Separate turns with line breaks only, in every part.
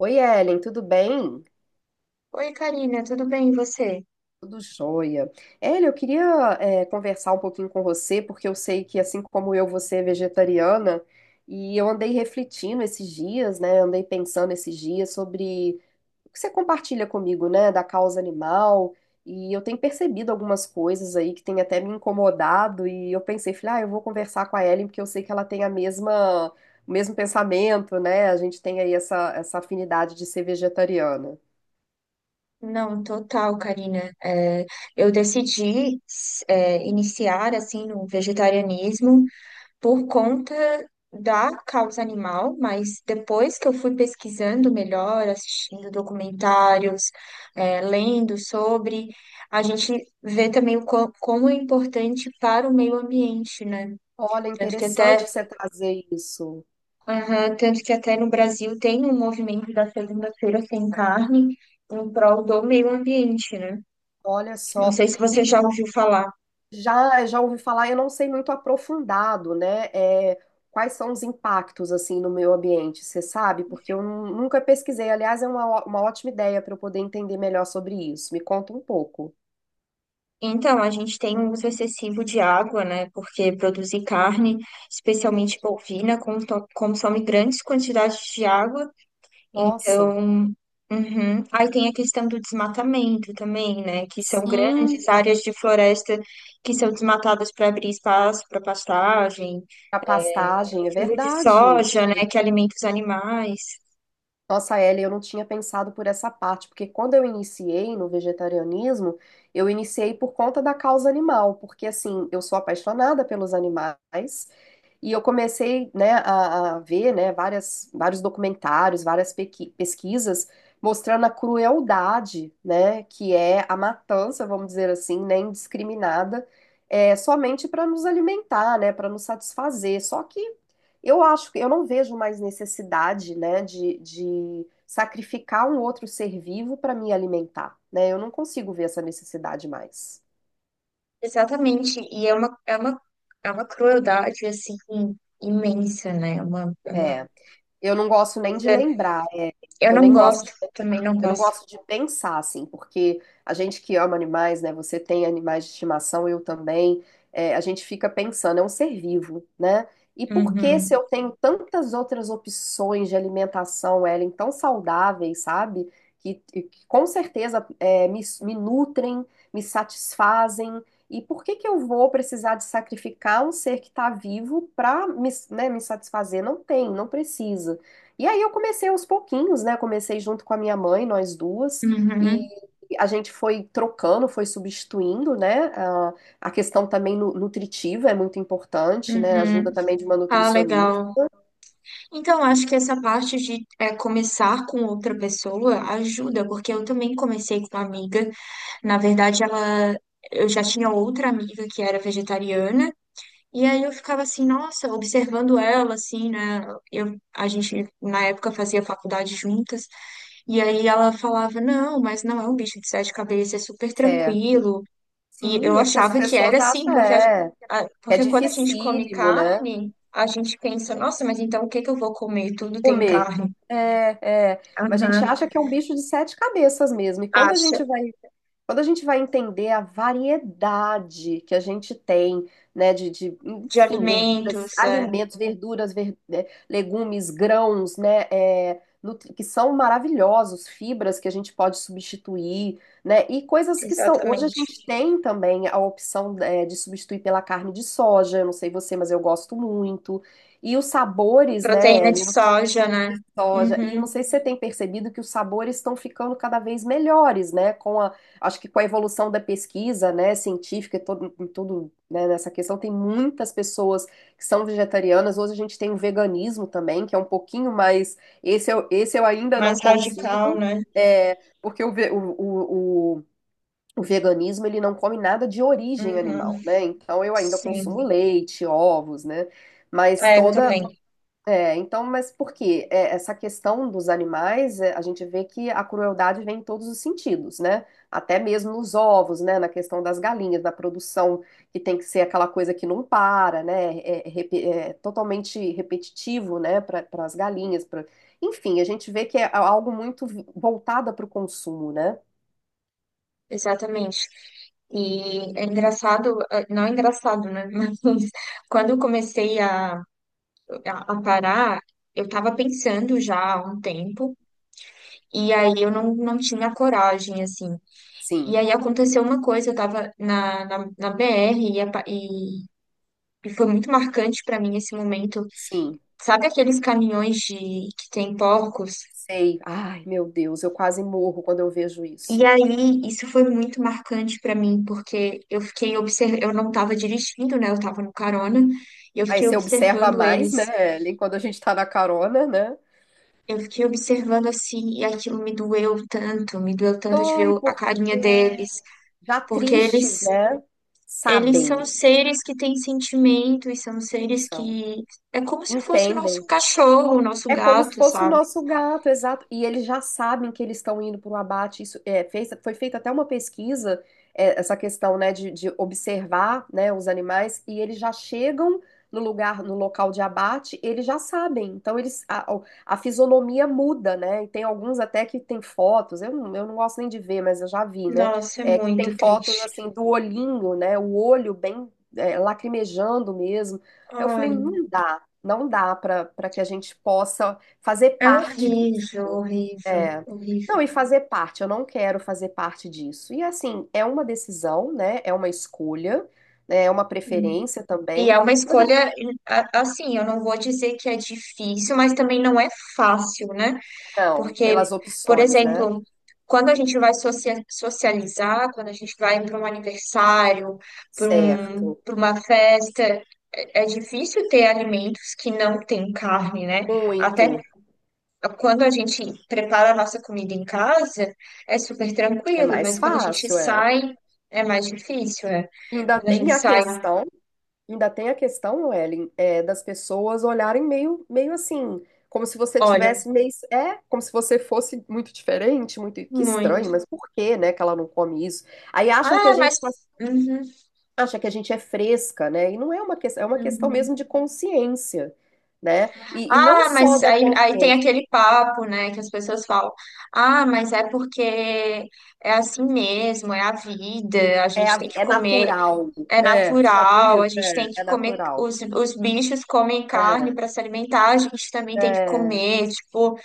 Oi, Ellen, tudo bem?
Oi, Karina, tudo bem e você?
Tudo jóia. Ellen, eu queria conversar um pouquinho com você, porque eu sei que, assim como eu, você é vegetariana, e eu andei refletindo esses dias, né? Andei pensando esses dias sobre o que você compartilha comigo, né, da causa animal, e eu tenho percebido algumas coisas aí que têm até me incomodado, e eu pensei, falei, ah, eu vou conversar com a Ellen, porque eu sei que ela tem a mesma, o mesmo pensamento, né? A gente tem aí essa afinidade de ser vegetariana.
Não, total, Karina. É, eu decidi iniciar assim no vegetarianismo por conta da causa animal, mas depois que eu fui pesquisando melhor, assistindo documentários, é, lendo sobre, a gente vê também como é importante para o meio ambiente, né?
Olha,
Tanto que até
interessante você trazer isso.
Aham, tanto que até no Brasil tem um movimento da segunda-feira sem carne em prol do meio ambiente, né?
Olha
Não
só.
sei se
E
você já ouviu falar.
já já ouvi falar, eu não sei muito aprofundado, né? É, quais são os impactos assim no meio ambiente, você sabe? Porque eu nunca pesquisei. Aliás, é uma, uma ótima ideia para eu poder entender melhor sobre isso. Me conta um pouco.
Então, a gente tem um uso excessivo de água, né? Porque produzir carne, especialmente bovina, consome grandes quantidades de água.
Nossa.
Então, uhum. Aí tem a questão do desmatamento também, né? Que são
Sim,
grandes áreas de floresta que são desmatadas para abrir espaço para pastagem,
a pastagem, é
cultivo de
verdade.
soja, né, que alimenta os animais.
Nossa, Ellie, eu não tinha pensado por essa parte, porque quando eu iniciei no vegetarianismo, eu iniciei por conta da causa animal, porque assim, eu sou apaixonada pelos animais e eu comecei, né, a ver, né, várias, vários documentários, várias pesquisas mostrando a crueldade, né, que é a matança, vamos dizer assim, né, indiscriminada, é, somente para nos alimentar, né, para nos satisfazer. Só que eu acho que eu não vejo mais necessidade, né, de sacrificar um outro ser vivo para me alimentar, né? Eu não consigo ver essa necessidade mais.
Exatamente, e é uma crueldade, assim, imensa, né, é uma
É, eu não gosto nem de
coisa.
lembrar,
Eu
eu
não
nem gosto
gosto,
de
também não
Eu não
gosto.
gosto de pensar assim, porque a gente que ama animais, né? Você tem animais de estimação, eu também. É, a gente fica pensando, é um ser vivo, né? E por que se
Uhum,
eu tenho tantas outras opções de alimentação, Ellen, tão saudáveis, sabe? Que, e que com certeza é, me nutrem, me satisfazem. E por que que eu vou precisar de sacrificar um ser que está vivo para me, né, me satisfazer? Não tem, não precisa. E aí eu comecei aos pouquinhos, né? Comecei junto com a minha mãe, nós duas, e
uhum,
a gente foi trocando, foi substituindo, né? A questão também nutritiva é muito importante, né?
uhum.
Ajuda também de uma
Ah,
nutricionista.
legal. Então, acho que essa parte de é, começar com outra pessoa ajuda, porque eu também comecei com uma amiga. Na verdade, ela, eu já tinha outra amiga que era vegetariana. E aí eu ficava assim, nossa, observando ela, assim, né? Eu, a gente, na época, fazia faculdade juntas. E aí ela falava, não, mas não é um bicho de sete cabeças, é super
É.
tranquilo. E eu
Sim, é porque as
achava que era
pessoas
assim,
acham,
porque,
é, que é
porque quando a gente come
dificílimo, né?
carne, a gente pensa, nossa, mas então o que que eu vou comer? Tudo tem
Comer.
carne.
É, é. Mas a gente
Aham.
acha que é um bicho de sete cabeças mesmo. E
Acha.
quando a gente vai entender a variedade que a gente tem, né, de,
De
enfim, verduras,
alimentos, é,
alimentos, verduras, né, legumes, grãos, né, é, que são maravilhosos, fibras que a gente pode substituir, né, e coisas que são. Hoje a
exatamente.
gente tem também a opção, é, de substituir pela carne de soja. Eu não sei você, mas eu gosto muito. E os sabores, né,
Proteína de
Ellen?
soja, né?
Soja. E não
Uhum.
sei se você tem percebido que os sabores estão ficando cada vez melhores, né? Com a, acho que com a evolução da pesquisa, né, científica e todo, em tudo, né, nessa questão, tem muitas pessoas que são vegetarianas. Hoje a gente tem o veganismo também, que é um pouquinho mais. Esse eu ainda não
Mais radical,
consigo,
né?
é, porque o, ve- o veganismo ele não come nada de origem animal,
Uhum.
né? Então eu ainda consumo
Sim.
leite, ovos, né? Mas
É, eu
toda,
também,
é, então, mas por quê? É, essa questão dos animais, é, a gente vê que a crueldade vem em todos os sentidos, né? Até mesmo nos ovos, né? Na questão das galinhas, na produção, que tem que ser aquela coisa que não para, né? É, é é totalmente repetitivo, né? Para as galinhas. Enfim, a gente vê que é algo muito voltado para o consumo, né?
exatamente. E é engraçado, não é engraçado, né? Mas quando eu comecei a parar, eu tava pensando já há um tempo, e aí eu não tinha coragem, assim. E
Sim,
aí aconteceu uma coisa, eu tava na BR e, e foi muito marcante pra mim esse momento.
sim,
Sabe aqueles caminhões de, que tem porcos?
sei. Ai, meu Deus, eu quase morro quando eu vejo
E
isso.
aí, isso foi muito marcante pra mim, porque eu fiquei observando, eu não tava dirigindo, né? Eu tava no carona, e eu
Aí
fiquei
você observa
observando
mais,
eles.
né, Ellen, quando a gente tá na carona, né?
Eu fiquei observando assim, e aquilo me doeu tanto de ver
Dói
a
porque
carinha deles,
já
porque eles
tristes, né?
eles
Sabem,
são
que
seres que têm sentimento e são seres
são,
que é como se fosse o nosso
entendem.
cachorro, o nosso
É como se
gato,
fosse o
sabe?
nosso gato, exato. E eles já sabem que eles estão indo para o abate. Isso é, fez, foi feita até uma pesquisa, é, essa questão, né, de observar, né, os animais, e eles já chegam no lugar, no local de abate, eles já sabem. Então eles, a, a fisionomia muda, né? E tem alguns até que tem fotos. Eu, eu não gosto nem de ver, mas eu já vi, né?
Nossa, é
É, que tem
muito
fotos
triste.
assim do olhinho, né? O olho bem é, lacrimejando mesmo. Aí eu falei,
Ai,
não dá. Não dá para para que a gente possa fazer
é
parte disso.
horrível, horrível,
É.
horrível.
Não, e fazer parte, eu não quero fazer parte disso. E assim, é uma decisão, né? É uma escolha, né? É uma preferência
E
também,
é uma
mas assim,
escolha, assim, eu não vou dizer que é difícil, mas também não é fácil, né?
não,
Porque,
pelas
por
opções, né?
exemplo, quando a gente vai socializar, quando a gente vai para um aniversário,
Certo.
para uma festa, é difícil ter alimentos que não têm carne, né? Até
Muito.
quando a gente prepara a nossa comida em casa, é super
É
tranquilo,
mais
mas quando a gente
fácil, é.
sai, é mais difícil, é.
Ainda
Quando a gente
tem a
sai,
questão Ainda tem a questão, Ellen, é, das pessoas olharem meio assim, como se você
olha,
tivesse meio, é, como se você fosse muito diferente, muito, que estranho,
muito.
mas por que, né, que ela não come isso? Aí acham que a
Ah, mas.
gente
Uhum,
acha que a gente é fresca, né? E não é uma questão, é uma questão
uhum.
mesmo de consciência, né? E não
Ah,
só
mas
da
aí, aí tem
consciência,
aquele papo, né, que as pessoas falam. Ah, mas é porque é assim mesmo, é a vida, a
é,
gente tem que
é
comer,
natural.
é
É, você já viu
natural,
isso?
a gente tem
É,
que
é
comer,
natural.
os bichos comem carne
É,
para se alimentar, a gente também tem que
é.
comer, tipo,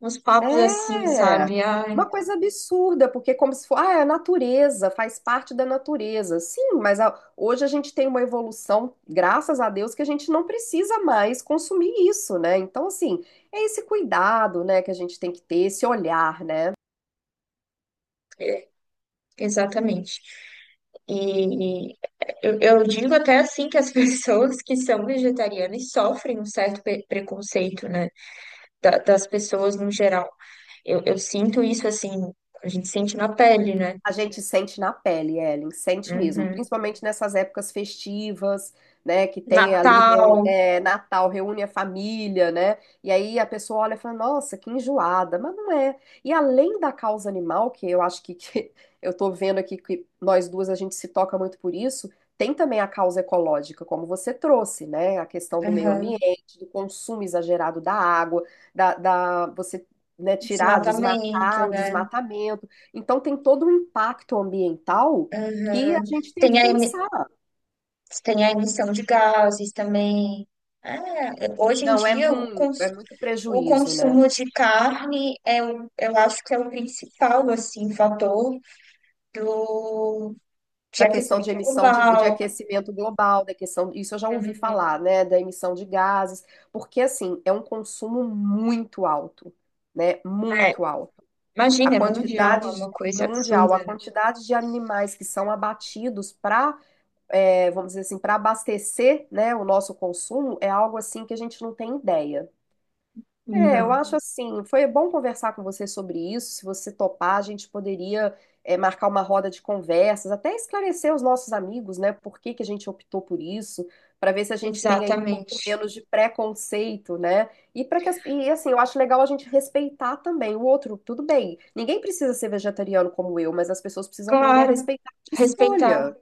uns papos
É
assim, sabe? Ai,
uma coisa absurda, porque é como se fosse, ah, é a natureza, faz parte da natureza. Sim, mas hoje a gente tem uma evolução, graças a Deus, que a gente não precisa mais consumir isso, né? Então, assim, é esse cuidado, né, que a gente tem que ter, esse olhar, né?
exatamente. E eu digo até assim que as pessoas que são vegetarianas sofrem um certo preconceito, né, das pessoas no geral. Eu sinto isso assim, a gente sente na pele, né?
A gente sente na pele, Ellen, sente mesmo,
Uhum.
principalmente nessas épocas festivas, né, que tem ali
Natal,
é, Natal, reúne a família, né, e aí a pessoa olha e fala, nossa, que enjoada, mas não é. E além da causa animal, que eu acho que, que eu tô vendo aqui que nós duas a gente se toca muito por isso, tem também a causa ecológica, como você trouxe, né, a questão do meio
uhum.
ambiente, do consumo exagerado da água, da, da você, né, tirar,
Desmatamento,
desmatar, o
né?
desmatamento, então, tem todo um impacto ambiental que a gente tem
Tem
que
a
pensar.
Você tem a emissão de gases também. É, hoje em
Não,
dia,
é muito
o
prejuízo, né?
consumo de carne eu acho que é o principal, assim, fator do, de
Da questão de
aquecimento
emissão de
global.
aquecimento global, da questão, isso eu já ouvi
Uhum.
falar, né? Da emissão de gases, porque assim, é um consumo muito alto, né?
É,
Muito alto. A
imagina, é mundial, é
quantidade de-
uma coisa
mundial,
absurda,
a
né?
quantidade de animais que são abatidos para, vamos dizer assim, para abastecer, né, o nosso consumo é algo assim que a gente não tem ideia. É, eu
Não,
acho assim, foi bom conversar com você sobre isso. Se você topar, a gente poderia é, marcar uma roda de conversas, até esclarecer os nossos amigos, né, por que que a gente optou por isso, para ver se a gente tem aí um pouco
exatamente.
menos de preconceito, né? E para que e assim, eu acho legal a gente respeitar também o outro. Tudo bem, ninguém precisa ser vegetariano como eu, mas as pessoas precisam aprender a
Claro,
respeitar a minha escolha,
respeitar.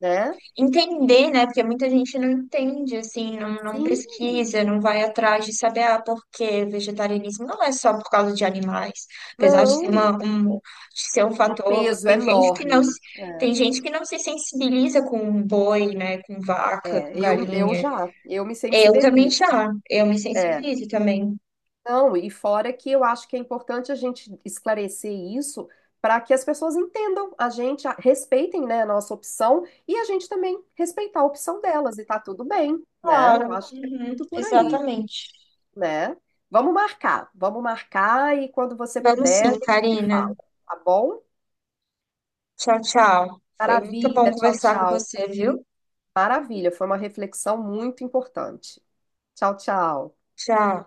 né?
Entender, né? Porque muita gente não entende, assim, não
Sim,
pesquisa, não vai atrás de saber, ah, por que vegetarianismo não é só por causa de animais, apesar de ser
não,
de ser um
um
fator,
peso enorme.
tem
É.
gente que não se sensibiliza com boi, né, com vaca, com
É, eu
galinha.
já, eu me
Eu também
sensibilizo.
já, eu me
É,
sensibilizo também.
não, e fora que eu acho que é importante a gente esclarecer isso para que as pessoas entendam a gente, respeitem, né, a nossa opção e a gente também respeitar a opção delas e tá tudo bem, né? Eu
Claro,
acho que é
uhum,
muito por aí,
exatamente.
né? Vamos marcar e quando você
Vamos
puder a
sim,
gente se
Karina.
fala, tá bom?
Tchau, tchau. Foi muito bom
Maravilha, tchau,
conversar com
tchau.
você, viu?
Maravilha, foi uma reflexão muito importante. Tchau, tchau.
Tchau.